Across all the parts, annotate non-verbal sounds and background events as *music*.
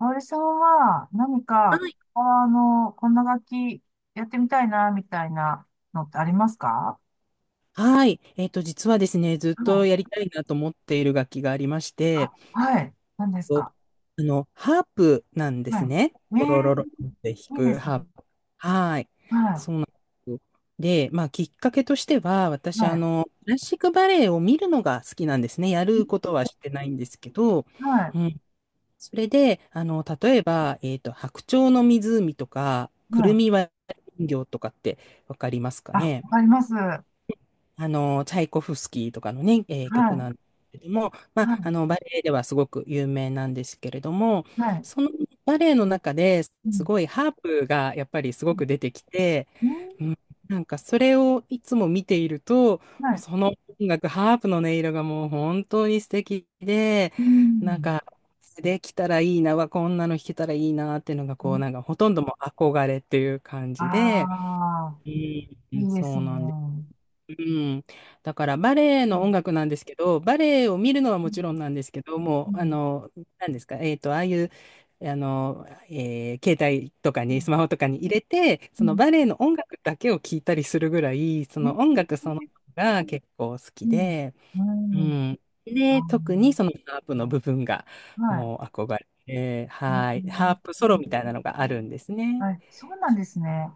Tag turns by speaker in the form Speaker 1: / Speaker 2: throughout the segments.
Speaker 1: おおれさんは何
Speaker 2: は
Speaker 1: か、
Speaker 2: い。
Speaker 1: このこんな書きやってみたいなみたいなのってありますか？
Speaker 2: はい。実はですね、ずっ
Speaker 1: う
Speaker 2: と
Speaker 1: ん、
Speaker 2: やりたいなと思っている楽器がありまし
Speaker 1: あ、
Speaker 2: て、
Speaker 1: はい、なんです
Speaker 2: と
Speaker 1: か？
Speaker 2: ハープなんです
Speaker 1: は
Speaker 2: ね。
Speaker 1: い。
Speaker 2: ロ
Speaker 1: え
Speaker 2: ロロロって弾
Speaker 1: え、いいで
Speaker 2: く
Speaker 1: すね。
Speaker 2: ハープ。はい。
Speaker 1: は
Speaker 2: そうなんですよ。で、きっかけとしては、
Speaker 1: い
Speaker 2: 私、
Speaker 1: は
Speaker 2: クラシックバレエを見るのが好きなんですね。や
Speaker 1: い、ん、
Speaker 2: ることはしてないんですけど、
Speaker 1: はい
Speaker 2: うん。それで、例えば、白鳥の湖とか、く
Speaker 1: は
Speaker 2: るみ
Speaker 1: い、
Speaker 2: 割り人形とかってわかりますか
Speaker 1: あ、
Speaker 2: ね？
Speaker 1: わかります、はい、
Speaker 2: チャイコフスキーとかのね、曲なんですけども、
Speaker 1: は
Speaker 2: バレエではすごく有名なんですけれども、
Speaker 1: い、はい。
Speaker 2: そのバレエの中で
Speaker 1: う
Speaker 2: す
Speaker 1: ん
Speaker 2: ごいハープがやっぱりすご
Speaker 1: う
Speaker 2: く出てきて、
Speaker 1: ん、
Speaker 2: うん、なんかそれをいつも見ていると、
Speaker 1: は
Speaker 2: もう
Speaker 1: い、
Speaker 2: その音楽、ハープの音色がもう本当に素敵で、
Speaker 1: う
Speaker 2: なん
Speaker 1: ん、
Speaker 2: か、できたらいいな、わこんなの弾けたらいいなっていうのが、こう、なんかほとんどもう憧れっていう感じで、
Speaker 1: ああ
Speaker 2: う
Speaker 1: ー、
Speaker 2: ん、
Speaker 1: いいです
Speaker 2: そう
Speaker 1: ね。
Speaker 2: なんです。
Speaker 1: う
Speaker 2: うん、だからバレエの
Speaker 1: ん
Speaker 2: 音楽なんですけど、バレエを見るのは
Speaker 1: う
Speaker 2: もちろん
Speaker 1: ん
Speaker 2: なんですけど、
Speaker 1: う
Speaker 2: もう、
Speaker 1: ん
Speaker 2: なんですか、ああいう、携帯とか
Speaker 1: う
Speaker 2: に、ス
Speaker 1: ん
Speaker 2: マホとかに入れて、
Speaker 1: う
Speaker 2: その
Speaker 1: ん、
Speaker 2: バレエの音楽だけを聞いたりするぐらい、そ
Speaker 1: え
Speaker 2: の音
Speaker 1: ー
Speaker 2: 楽そのものが結構好き
Speaker 1: うん
Speaker 2: で、
Speaker 1: う
Speaker 2: う
Speaker 1: んはい、
Speaker 2: ん。
Speaker 1: あ
Speaker 2: で、
Speaker 1: ー、
Speaker 2: 特にそのハープの部分が、
Speaker 1: はい。
Speaker 2: もう憧れて、
Speaker 1: う
Speaker 2: はい。ハー
Speaker 1: ん、
Speaker 2: プソロみたいなのがあるんですね。
Speaker 1: はい、そうなんですね。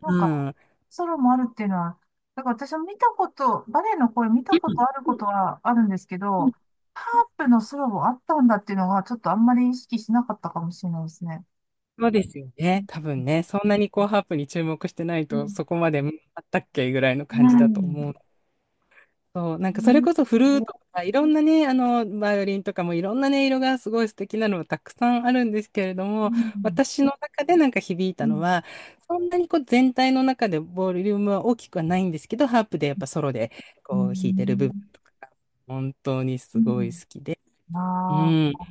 Speaker 1: な
Speaker 2: う
Speaker 1: んか、
Speaker 2: ん。
Speaker 1: ソロもあるっていうのは、だから私も見たこと、バレエの声見たことあることはあるんですけど、ハープのソロもあったんだっていうのは、ちょっとあんまり意識しなかったかもしれないですね。
Speaker 2: そうですよ
Speaker 1: う
Speaker 2: ね。
Speaker 1: ん
Speaker 2: 多分ね、そんなにこうハープに注目してない
Speaker 1: う
Speaker 2: と、
Speaker 1: ん。
Speaker 2: そこまでうんあったっけぐらいの
Speaker 1: う
Speaker 2: 感じだと思う。そう、なんかそれ
Speaker 1: ん。
Speaker 2: こそフルートとか、いろんなね、バイオリンとかもいろんな音色がすごい素敵なのがたくさんあるんですけれど
Speaker 1: う
Speaker 2: も、
Speaker 1: ん。
Speaker 2: 私の中でなんか響い
Speaker 1: う
Speaker 2: たの
Speaker 1: ん。
Speaker 2: は、そんなにこう全体の中でボリュームは大きくはないんですけど、ハープでやっぱソロで
Speaker 1: う
Speaker 2: こう弾いてる部分
Speaker 1: ん
Speaker 2: とかが本当に
Speaker 1: う
Speaker 2: すごい
Speaker 1: ん、
Speaker 2: 好きで、う
Speaker 1: あ
Speaker 2: ん、
Speaker 1: あ、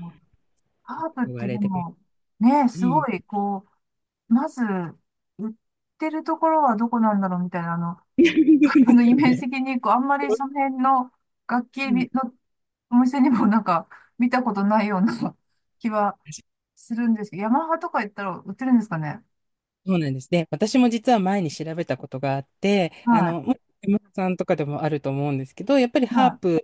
Speaker 1: ハープっ
Speaker 2: 言わ
Speaker 1: てで
Speaker 2: れてる。
Speaker 1: も、ね、
Speaker 2: う
Speaker 1: すご
Speaker 2: ん。
Speaker 1: い、こう、まず、売ってるところはどこなんだろうみたいな、
Speaker 2: *laughs* そうです
Speaker 1: *laughs* イ
Speaker 2: よ
Speaker 1: メージ
Speaker 2: ね。
Speaker 1: 的に、こう、あんまりその辺の楽器
Speaker 2: うん
Speaker 1: のお店にもなんか見たことないような *laughs* 気はするんですけど、ヤマハとか言ったら売ってるんですかね？
Speaker 2: そうなんです。で、私も実は前に調べたことがあって、
Speaker 1: は
Speaker 2: もう山田さんとかでもあると思うんですけど、やっぱり
Speaker 1: い、
Speaker 2: ハー
Speaker 1: は
Speaker 2: プ、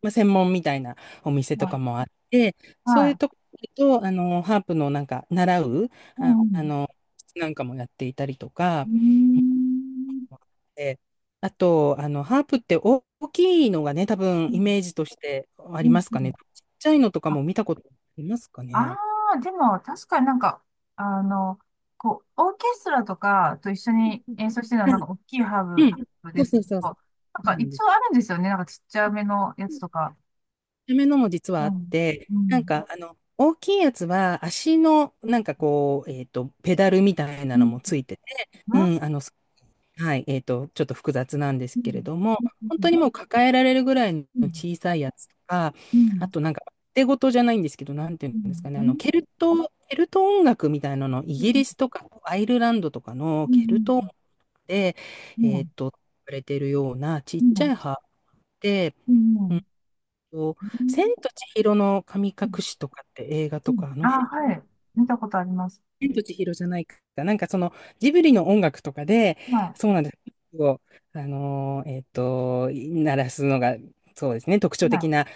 Speaker 2: 専門みたいなお店
Speaker 1: い、
Speaker 2: とか
Speaker 1: は
Speaker 2: もあって、
Speaker 1: い、
Speaker 2: そ
Speaker 1: は
Speaker 2: ういうと
Speaker 1: い。
Speaker 2: ころと、ハープのなんか、習う、
Speaker 1: う
Speaker 2: あ、あ
Speaker 1: ん、
Speaker 2: の、なんかもやっていたりと
Speaker 1: う
Speaker 2: か、
Speaker 1: ん。うーん、
Speaker 2: であと、ハープって大きいのがね、多分
Speaker 1: う
Speaker 2: イ
Speaker 1: ん、
Speaker 2: メージとしてあ
Speaker 1: う
Speaker 2: りま
Speaker 1: ん。
Speaker 2: す
Speaker 1: う
Speaker 2: か
Speaker 1: ん、
Speaker 2: ね。ちっちゃいのとか
Speaker 1: あ、
Speaker 2: も見たことありますか
Speaker 1: あ
Speaker 2: ね。
Speaker 1: あ、でも確かになんか、あの、こう、オーケストラとかと一緒に演奏してるのは
Speaker 2: は
Speaker 1: なんか大きい
Speaker 2: い
Speaker 1: ハ
Speaker 2: う
Speaker 1: ー
Speaker 2: ん。
Speaker 1: ブ
Speaker 2: そ
Speaker 1: で
Speaker 2: う
Speaker 1: すけ
Speaker 2: そうそう。そ
Speaker 1: ど、なん
Speaker 2: う
Speaker 1: か
Speaker 2: なんで
Speaker 1: 一
Speaker 2: す。
Speaker 1: 応あるんですよね。なんかちっちゃめのやつとか。
Speaker 2: ためのも実はあ
Speaker 1: う
Speaker 2: っ
Speaker 1: ん。
Speaker 2: て、
Speaker 1: う
Speaker 2: なん
Speaker 1: ん。
Speaker 2: か、大きいやつは足の、なんかこう、ペダルみたいな
Speaker 1: うん。
Speaker 2: のもついてて、
Speaker 1: う
Speaker 2: うん、
Speaker 1: ん。
Speaker 2: はい、ちょっと複雑なんで
Speaker 1: う
Speaker 2: すけれ
Speaker 1: ん。
Speaker 2: ども、本
Speaker 1: う
Speaker 2: 当
Speaker 1: ん。
Speaker 2: にもう抱えられるぐらいの
Speaker 1: うん。
Speaker 2: 小さいやつとか、
Speaker 1: う
Speaker 2: あ
Speaker 1: ん。
Speaker 2: となんか、手ごとじゃないんですけど、なんていう
Speaker 1: うん。
Speaker 2: んですかね、
Speaker 1: う
Speaker 2: ケルト音楽みたいなの、イギリス
Speaker 1: ん。
Speaker 2: とかアイルランドとかの
Speaker 1: う
Speaker 2: ケルト音楽
Speaker 1: ん。
Speaker 2: で、えっと、されてるようなちっちゃい葉で、
Speaker 1: う
Speaker 2: うん
Speaker 1: ん。
Speaker 2: と、千と千尋の神隠しとかって映画
Speaker 1: う
Speaker 2: と
Speaker 1: ん。
Speaker 2: か、あの
Speaker 1: あ
Speaker 2: 辺、
Speaker 1: あ、はい。見たことあります。
Speaker 2: 千と千尋じゃないか。なんかそのジブリの音楽とかで、
Speaker 1: は
Speaker 2: そうなんです。を、鳴らすのが、そうですね、特
Speaker 1: い。
Speaker 2: 徴
Speaker 1: はい。
Speaker 2: 的な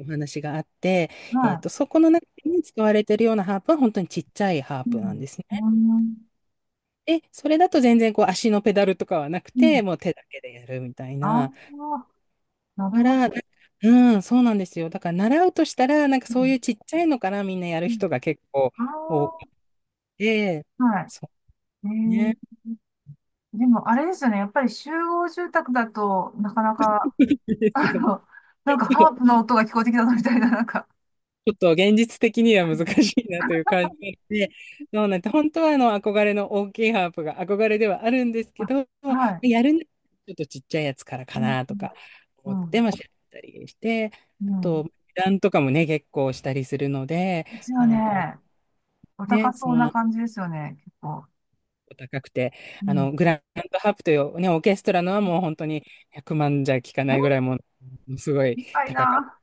Speaker 2: お話があって、
Speaker 1: は
Speaker 2: そこの中に使われているようなハープは本当にちっちゃいハー
Speaker 1: い。う
Speaker 2: プな
Speaker 1: ん。
Speaker 2: んですね。
Speaker 1: うん。
Speaker 2: で、それだと全然こう足のペダルとかはなく
Speaker 1: うん。
Speaker 2: て、もう手だけでやるみたい
Speaker 1: あ
Speaker 2: な。
Speaker 1: あ、なる
Speaker 2: か
Speaker 1: ほ
Speaker 2: ら、
Speaker 1: ど。
Speaker 2: なうん、そうなんですよ。だから習うとしたら、なんか
Speaker 1: う
Speaker 2: そうい
Speaker 1: ん
Speaker 2: うちっちゃいのからみんなやる
Speaker 1: うん、
Speaker 2: 人が結構多く
Speaker 1: あ
Speaker 2: て、
Speaker 1: あ、はい。
Speaker 2: そうね。
Speaker 1: でもあれですよね。やっぱり集合住宅だとなかなか、
Speaker 2: *laughs* です
Speaker 1: あ
Speaker 2: よ。
Speaker 1: の、なんかハープの音が聞こえてきたぞみたいな、なんか。
Speaker 2: ちょっと現実的には難しいなという感じなので、そうなんて、本当はあの憧れの大きいハープが憧れではあるんですけ
Speaker 1: あ、
Speaker 2: ど、
Speaker 1: はい。
Speaker 2: やるならちょっとちっちゃいやつから
Speaker 1: う
Speaker 2: か
Speaker 1: ん、
Speaker 2: なとか
Speaker 1: う
Speaker 2: 思っ
Speaker 1: ん、う
Speaker 2: て、
Speaker 1: ん。
Speaker 2: 調べたりして、
Speaker 1: う
Speaker 2: あ
Speaker 1: ん、
Speaker 2: と、値段とかもね、結構したりするので、
Speaker 1: 一応
Speaker 2: あの、
Speaker 1: ね、お
Speaker 2: ね、
Speaker 1: 高
Speaker 2: そ
Speaker 1: そう
Speaker 2: う
Speaker 1: な
Speaker 2: なん
Speaker 1: 感じですよね、結構。
Speaker 2: 高くて、
Speaker 1: うん。
Speaker 2: グランドハープという、ね、オーケストラのはもう本当に100万じゃ効かな
Speaker 1: え、
Speaker 2: いぐらいもう、すごい
Speaker 1: 高い
Speaker 2: 高かっ
Speaker 1: な。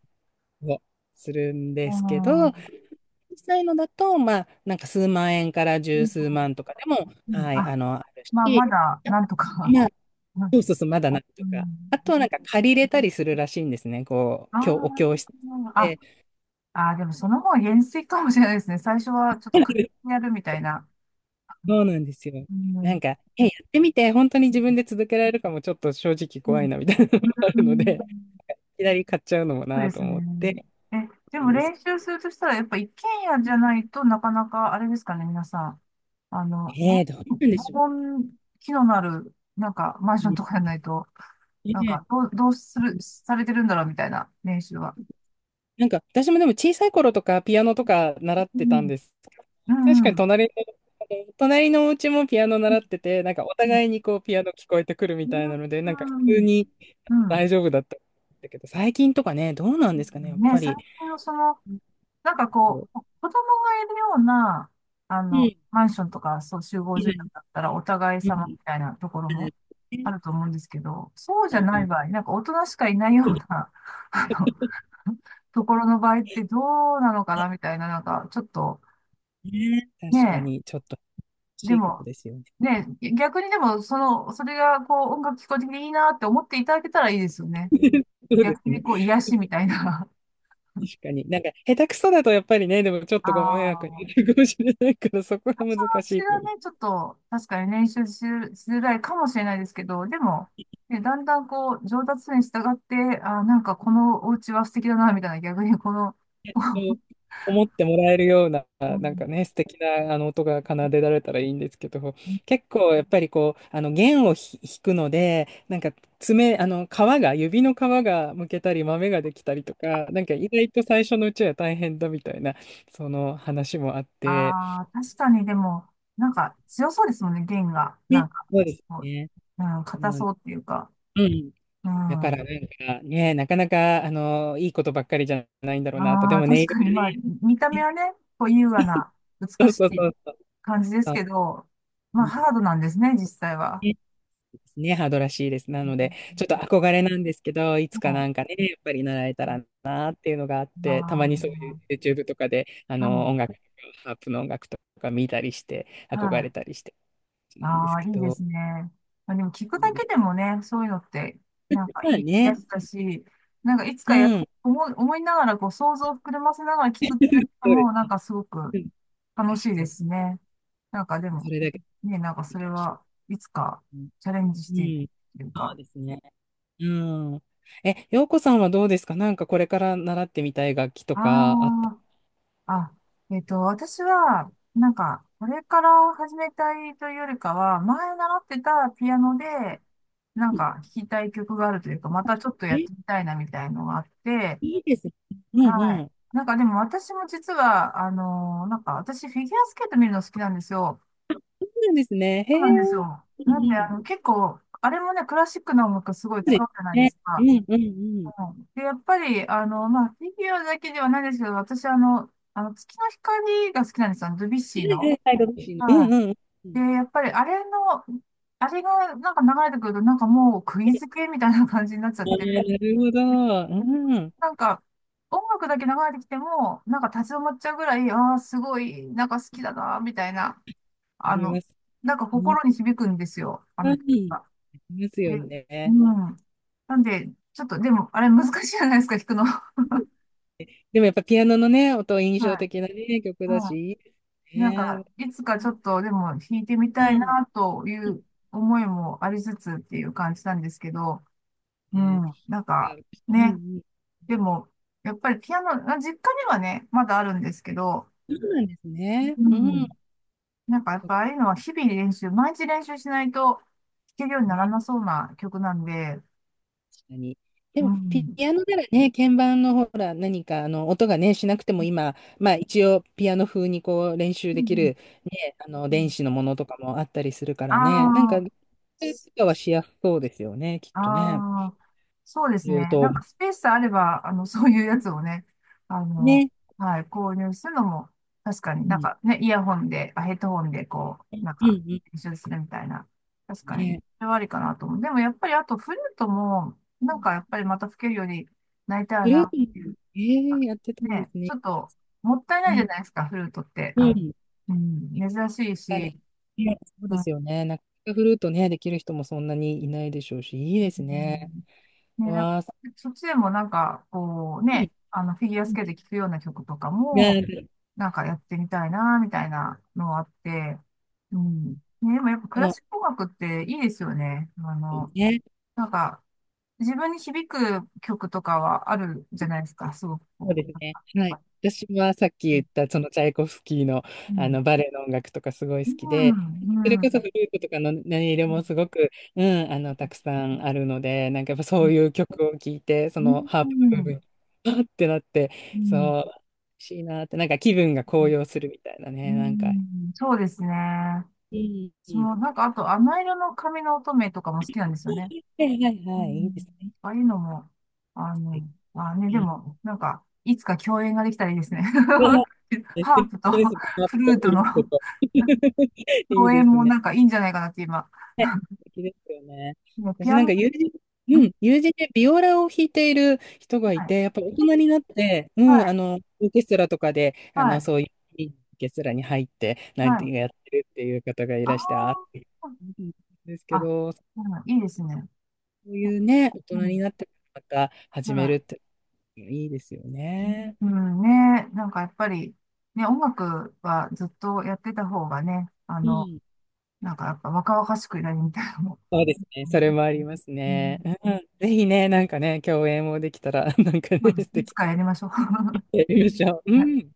Speaker 2: たりするん
Speaker 1: う
Speaker 2: ですけ
Speaker 1: ん。う
Speaker 2: ど、
Speaker 1: ん
Speaker 2: 実際のだと、なんか数万円から十数万とかでも、
Speaker 1: うん、
Speaker 2: はい、
Speaker 1: あ、
Speaker 2: ある
Speaker 1: まあ、ま
Speaker 2: し、
Speaker 1: だ、なんとか。
Speaker 2: まあ、
Speaker 1: うん。
Speaker 2: そうそうそう、まだなんと
Speaker 1: う
Speaker 2: か。
Speaker 1: ん、
Speaker 2: あとはなんか借りれたりするらしいんですね。こ
Speaker 1: あ
Speaker 2: う、
Speaker 1: ー
Speaker 2: お教室
Speaker 1: あ、
Speaker 2: で。
Speaker 1: ああ、でもその方が減衰かもしれないですね。最初はちょっと課金やるみたいな。
Speaker 2: そうなんですよ。
Speaker 1: う
Speaker 2: な
Speaker 1: ん。
Speaker 2: ん
Speaker 1: う
Speaker 2: か、やってみて、本当に自分で続けられるかもちょっと正直怖い
Speaker 1: ん。
Speaker 2: な、みたいなのもあ
Speaker 1: う
Speaker 2: るので。
Speaker 1: ん、
Speaker 2: きなり買っちゃうのも
Speaker 1: そう
Speaker 2: な
Speaker 1: で
Speaker 2: と
Speaker 1: すね。
Speaker 2: 思って。
Speaker 1: え、で
Speaker 2: な
Speaker 1: も
Speaker 2: んです。
Speaker 1: 練習するとしたら、やっぱ一軒家じゃないとなかなかあれですかね、皆さん。あの、ぼ
Speaker 2: どうなんで
Speaker 1: 防
Speaker 2: しょ
Speaker 1: 音機能のある、なんかマンションと
Speaker 2: う
Speaker 1: かじゃないと、
Speaker 2: ね。
Speaker 1: なん
Speaker 2: ね
Speaker 1: かどうする、されてるんだろうみたいな練習は。
Speaker 2: なんか、私もでも小さい頃とかピアノとか習っ
Speaker 1: う
Speaker 2: てたん
Speaker 1: ん。
Speaker 2: ですけど。
Speaker 1: う
Speaker 2: 確
Speaker 1: ん。う
Speaker 2: かに
Speaker 1: ん。
Speaker 2: 隣のお家もピアノ習ってて、なんかお
Speaker 1: うん。
Speaker 2: 互いにこうピアノ聞こえてくるみたいなので、なんか普通に
Speaker 1: うん。
Speaker 2: 大丈夫だったんだけど、最近とかね、どうなん
Speaker 1: う
Speaker 2: ですかね、や
Speaker 1: ん
Speaker 2: っ
Speaker 1: ね、
Speaker 2: ぱ
Speaker 1: 最
Speaker 2: り。
Speaker 1: 近のその、
Speaker 2: うん
Speaker 1: なんか
Speaker 2: う
Speaker 1: こ
Speaker 2: ん。
Speaker 1: う、子供がいるような、
Speaker 2: うん。
Speaker 1: マンションとか、そう、集合住宅
Speaker 2: う
Speaker 1: だったら、お互い
Speaker 2: ん
Speaker 1: 様みたいなところもあると思うんですけど、そうじゃ
Speaker 2: う
Speaker 1: ない
Speaker 2: ん
Speaker 1: 場合、なんか大人しかいないような、*laughs* あの、ところの場合ってどうなのかなみたいな、なんか、ちょっと、
Speaker 2: ね、
Speaker 1: ね
Speaker 2: 確かに、ちょっと欲
Speaker 1: え、で
Speaker 2: しいかも
Speaker 1: も、
Speaker 2: ですよね。
Speaker 1: ねえ、逆にでも、その、それが、こう、音楽聞こえてきていいなって思っていただけたらいいですよね。
Speaker 2: *laughs* そうです
Speaker 1: 逆に、
Speaker 2: ね。
Speaker 1: こう、癒しみたいな。
Speaker 2: 確かに。なんか、下手くそだとやっぱりね、でもちょ
Speaker 1: *laughs*
Speaker 2: っ
Speaker 1: あ
Speaker 2: とご迷惑にな
Speaker 1: あ。
Speaker 2: るかもしれないから、そこは難
Speaker 1: 私
Speaker 2: しい
Speaker 1: は
Speaker 2: けど、
Speaker 1: ね、ちょっと、確かに練習し、しづらいかもしれないですけど、でも、ね、だんだんこう、上達するに従って、なんかこのお家は素敵だな、みたいな、逆にこの、
Speaker 2: そう思ってもらえるような、
Speaker 1: う
Speaker 2: なん
Speaker 1: ん。
Speaker 2: かね、素敵なあの音が奏でられたらいいんですけど、結構やっぱりこう、あの弦を弾くので、なんか爪、あの皮が、指の皮がむけたり、豆ができたりとか、なんか意外と最初のうちは大変だみたいな、その話もあっ
Speaker 1: *laughs*
Speaker 2: て、
Speaker 1: ああ、確かにでも、なんか強そうですもんね、弦が。な
Speaker 2: ね、
Speaker 1: んか、
Speaker 2: そうです
Speaker 1: こう、
Speaker 2: ね。
Speaker 1: うん、
Speaker 2: う
Speaker 1: 硬
Speaker 2: ん、
Speaker 1: そうっていうか。
Speaker 2: うん
Speaker 1: う
Speaker 2: だからな
Speaker 1: ん。
Speaker 2: んかね、なかなか、いいことばっかりじゃないんだろうなと。で
Speaker 1: ああ、
Speaker 2: もネ
Speaker 1: 確
Speaker 2: イル
Speaker 1: かに、まあ、見た目
Speaker 2: ね、
Speaker 1: はね、こう、優雅な、
Speaker 2: そ
Speaker 1: 美
Speaker 2: う
Speaker 1: し
Speaker 2: そう
Speaker 1: い
Speaker 2: そうそう。
Speaker 1: 感じです
Speaker 2: そう
Speaker 1: けど、ま
Speaker 2: う
Speaker 1: あ、
Speaker 2: ん
Speaker 1: ハードなんですね、実際は。
Speaker 2: ねですね、ハードらしいです。な
Speaker 1: う
Speaker 2: ので、
Speaker 1: ん、
Speaker 2: ちょっと憧れなんですけど、いつか
Speaker 1: は
Speaker 2: な
Speaker 1: い。
Speaker 2: んかね、やっぱり習えたらなっていうのがあって、たま
Speaker 1: あ
Speaker 2: に
Speaker 1: あ
Speaker 2: そういう
Speaker 1: ー、
Speaker 2: YouTube とかで、音
Speaker 1: は
Speaker 2: 楽とか、ハープの音楽とか見たりして、
Speaker 1: い。
Speaker 2: 憧
Speaker 1: は
Speaker 2: れ
Speaker 1: い。
Speaker 2: たりしてるんで
Speaker 1: あ
Speaker 2: す
Speaker 1: あ、
Speaker 2: け
Speaker 1: いいで
Speaker 2: ど、
Speaker 1: すね。まあ、でも聞く
Speaker 2: いいん
Speaker 1: だ
Speaker 2: で
Speaker 1: けで
Speaker 2: す
Speaker 1: もね、そういうのって、
Speaker 2: けど
Speaker 1: なんか
Speaker 2: まあ
Speaker 1: いい癒や
Speaker 2: ね、
Speaker 1: しだし、なんかいつ
Speaker 2: う
Speaker 1: かや、
Speaker 2: ん、
Speaker 1: 思いながらこう想像を膨らませながら聞くっ
Speaker 2: そ
Speaker 1: て、
Speaker 2: うで
Speaker 1: も
Speaker 2: す
Speaker 1: うなん
Speaker 2: ね。
Speaker 1: かすごく
Speaker 2: うん、
Speaker 1: 楽しい
Speaker 2: 確か
Speaker 1: で
Speaker 2: に、
Speaker 1: すね。なんかで
Speaker 2: そ
Speaker 1: も、
Speaker 2: れだけ
Speaker 1: ね、なんか
Speaker 2: いい
Speaker 1: それ
Speaker 2: かもしれ
Speaker 1: はいつ
Speaker 2: な
Speaker 1: か
Speaker 2: い。
Speaker 1: チャレンジし
Speaker 2: う
Speaker 1: ている
Speaker 2: ん、
Speaker 1: という
Speaker 2: そう
Speaker 1: か。
Speaker 2: ですね。うん。え、洋子さんはどうですかなんかこれから習ってみたい楽器と
Speaker 1: あ
Speaker 2: かあった。
Speaker 1: あ、あ、私は、なんか、これから始めたいというよりかは、前習ってたピアノで、なん
Speaker 2: うん
Speaker 1: か弾きたい曲があるというか、またちょっとや
Speaker 2: え、
Speaker 1: っ
Speaker 2: い
Speaker 1: てみたいなみたいのがあって、
Speaker 2: いですね。うん
Speaker 1: は
Speaker 2: う
Speaker 1: い。
Speaker 2: ん。
Speaker 1: なんかでも私も実は、なんか私フィギュアスケート見るの好きなんですよ。
Speaker 2: そうなんですね。へ
Speaker 1: そう
Speaker 2: え。
Speaker 1: なんですよ。
Speaker 2: うんう
Speaker 1: なんで、
Speaker 2: ん。
Speaker 1: 結構、あれもね、クラシックの音楽すごい
Speaker 2: そうで
Speaker 1: 使うじゃな
Speaker 2: す
Speaker 1: いで
Speaker 2: ね。
Speaker 1: す
Speaker 2: う
Speaker 1: か。
Speaker 2: んうんうん。
Speaker 1: うん、で、やっぱり、まあ、フィギュアだけではないですけど、私、月の光が好きなんですよ。ドビュッ
Speaker 2: は
Speaker 1: シー
Speaker 2: いは
Speaker 1: の。
Speaker 2: いはい、楽しいの。う
Speaker 1: は
Speaker 2: んうんう
Speaker 1: い。で、
Speaker 2: ん。
Speaker 1: やっぱりあれの、あれがなんか流れてくると、なんかもう釘付けみたいな感じになっちゃっ
Speaker 2: あ
Speaker 1: て、
Speaker 2: ーなるほど。
Speaker 1: で、
Speaker 2: うん。あ
Speaker 1: なんか音楽だけ流れてきても、なんか立ち止まっちゃうぐらい、ああ、すごい、なんか好きだな、みたいな、あ
Speaker 2: りま
Speaker 1: の、
Speaker 2: す。
Speaker 1: なんか
Speaker 2: うん。
Speaker 1: 心に響くんですよ、あ
Speaker 2: は
Speaker 1: の曲
Speaker 2: い
Speaker 1: が。
Speaker 2: ありますよ
Speaker 1: で、う
Speaker 2: ね。
Speaker 1: ん。なんで、ちょっと、でも、あれ難しいじゃないですか、弾くの。
Speaker 2: うんでもやっぱピアノのね、音印
Speaker 1: *laughs*
Speaker 2: 象
Speaker 1: はい。
Speaker 2: 的なね、曲だし、
Speaker 1: う
Speaker 2: いいです
Speaker 1: ん。なん
Speaker 2: ね。
Speaker 1: か、いつか
Speaker 2: う
Speaker 1: ちょっと、でも弾いてみたい
Speaker 2: ん。
Speaker 1: な、という思いもありつつっていう感じなんですけど、う
Speaker 2: ね、
Speaker 1: ん。なんか、
Speaker 2: うん
Speaker 1: ね。
Speaker 2: うん。
Speaker 1: でも、やっぱりピアノ、あ、実家にはね、まだあるんですけど、
Speaker 2: そうなんですね。
Speaker 1: う
Speaker 2: うん。
Speaker 1: ん。なんかやっぱああいうのは日々練習、毎日練習しないと弾けるようになら
Speaker 2: ね、
Speaker 1: なそうな曲なんで、
Speaker 2: 確かに。で
Speaker 1: う
Speaker 2: も、ピ
Speaker 1: ん。
Speaker 2: アノならね、鍵盤のほら、何かあの音がね、しなくても今、一応、ピアノ風にこう練習
Speaker 1: うん
Speaker 2: で
Speaker 1: う
Speaker 2: き
Speaker 1: ん
Speaker 2: る、ね、あの
Speaker 1: う
Speaker 2: 電
Speaker 1: ん、
Speaker 2: 子のものとかもあったりするか
Speaker 1: あ
Speaker 2: らね、なんか、
Speaker 1: あ、
Speaker 2: とかはしやすそうですよね、きっとね。
Speaker 1: ああ、そうですね。
Speaker 2: 言う
Speaker 1: な
Speaker 2: と、
Speaker 1: んかスペースあれば、そういうやつをね、あの、
Speaker 2: ね、
Speaker 1: はい、購入するのも、確かに
Speaker 2: う
Speaker 1: なん
Speaker 2: ん、
Speaker 1: かね、イヤホンで、あ、ヘッドホンで、こう、なん
Speaker 2: うん、う
Speaker 1: か、
Speaker 2: ん、
Speaker 1: 編集するみたいな、確かに、
Speaker 2: ね。
Speaker 1: それはありかなと思う。でもやっぱり、あと、フルートも、なんかやっぱりまた吹けるようになりたい
Speaker 2: グルー
Speaker 1: な。
Speaker 2: プも、やってたんで
Speaker 1: ね、
Speaker 2: す
Speaker 1: ち
Speaker 2: ね。
Speaker 1: ょっと、もったい
Speaker 2: う
Speaker 1: ないじゃ
Speaker 2: ん、
Speaker 1: ないですか、フルートって。
Speaker 2: うん、
Speaker 1: うん、珍しい
Speaker 2: 確
Speaker 1: し、
Speaker 2: かにね、そう
Speaker 1: う
Speaker 2: ですよね。なかなかフルートね、できる人もそんなにいないでしょうし、いいですね。
Speaker 1: ん、
Speaker 2: う
Speaker 1: ね、なんか
Speaker 2: わ
Speaker 1: そっちでもなんか、こうね、
Speaker 2: ー、
Speaker 1: フィギュアスケート聴くような曲とかも、
Speaker 2: が、
Speaker 1: なんかやってみたいな、みたいなのがあって、うん。ね、でもやっぱ
Speaker 2: そ
Speaker 1: クラ
Speaker 2: の、
Speaker 1: シック音楽っていいですよね。
Speaker 2: ね、
Speaker 1: なんか、自分に響く曲とかはあるじゃないですか、すごく
Speaker 2: そう
Speaker 1: こ
Speaker 2: です
Speaker 1: う。な
Speaker 2: ね。は
Speaker 1: ん
Speaker 2: い。
Speaker 1: か、
Speaker 2: 私はさっき
Speaker 1: う
Speaker 2: 言
Speaker 1: ん。
Speaker 2: った、そのチャイコフスキーの、
Speaker 1: う
Speaker 2: あ
Speaker 1: ん。
Speaker 2: のバレエの音楽とかすごい
Speaker 1: う
Speaker 2: 好きで、
Speaker 1: ん。
Speaker 2: それ
Speaker 1: う
Speaker 2: こそ
Speaker 1: ん。
Speaker 2: フルートとかの音色もすごく、うん、たくさんあるので、なんかやっぱ
Speaker 1: う
Speaker 2: そ
Speaker 1: ん。
Speaker 2: ういう曲を聴いて、そのハー
Speaker 1: う
Speaker 2: プの部分
Speaker 1: ん。
Speaker 2: に、あってなって、
Speaker 1: う
Speaker 2: そ
Speaker 1: ん。
Speaker 2: う、欲しいなって、なんか気分が高揚するみたいな
Speaker 1: う
Speaker 2: ね、なんか。
Speaker 1: ん、そうですね。
Speaker 2: うん、う
Speaker 1: そ
Speaker 2: ん。
Speaker 1: う、なんかあと、甘色の髪の乙女とかも好きなんですよね。
Speaker 2: はいはい
Speaker 1: う
Speaker 2: はい、いいで
Speaker 1: ん。
Speaker 2: す
Speaker 1: ああいうのも、あ
Speaker 2: ね。
Speaker 1: の、まあね、
Speaker 2: う
Speaker 1: で
Speaker 2: ん
Speaker 1: も、なんか、いつか共演ができたらいいですね。
Speaker 2: うわ
Speaker 1: *laughs*
Speaker 2: 素
Speaker 1: ハー
Speaker 2: 敵
Speaker 1: プと
Speaker 2: です。ハー
Speaker 1: フ
Speaker 2: プ
Speaker 1: ルー
Speaker 2: と
Speaker 1: ト
Speaker 2: フル
Speaker 1: の
Speaker 2: ートと *laughs* いい
Speaker 1: 共
Speaker 2: で
Speaker 1: 演
Speaker 2: す
Speaker 1: も
Speaker 2: ね。
Speaker 1: なんかいいんじゃないかなって今。
Speaker 2: 素敵ですよね。
Speaker 1: ね、ピ
Speaker 2: 私
Speaker 1: ア
Speaker 2: なん
Speaker 1: ノ、
Speaker 2: か友人、う
Speaker 1: ん、
Speaker 2: ん、友人でビオラを弾いている人が
Speaker 1: は
Speaker 2: い
Speaker 1: い。
Speaker 2: て、やっぱり大人になって、う
Speaker 1: はい、
Speaker 2: ん、オーケストラとかで、
Speaker 1: はい、
Speaker 2: そういういいオーケストラに入って、なん
Speaker 1: は
Speaker 2: て
Speaker 1: い。
Speaker 2: やってるっていう方がい
Speaker 1: あ
Speaker 2: らして、あーって
Speaker 1: ー
Speaker 2: うんですけ
Speaker 1: あ、
Speaker 2: ど、そ
Speaker 1: うん、いいですね。
Speaker 2: ういうね、大
Speaker 1: う
Speaker 2: 人に
Speaker 1: ん、
Speaker 2: なってまた始める
Speaker 1: は
Speaker 2: っていいですよ
Speaker 1: い。
Speaker 2: ね。
Speaker 1: うん、ね、なんかやっぱり、ね、音楽はずっとやってた方がね、
Speaker 2: うん。
Speaker 1: なんか、やっぱ若々しくやりみたいなも。
Speaker 2: そうですね。そ
Speaker 1: ん、
Speaker 2: れもあります
Speaker 1: う
Speaker 2: ね。
Speaker 1: ん、
Speaker 2: うん。ぜひね、なんかね、共演もできたら、なんか
Speaker 1: そう
Speaker 2: ね、
Speaker 1: です。
Speaker 2: 素
Speaker 1: いつ
Speaker 2: 敵
Speaker 1: かやりましょう。
Speaker 2: でやりましょう。
Speaker 1: *laughs*
Speaker 2: う
Speaker 1: はい
Speaker 2: ん。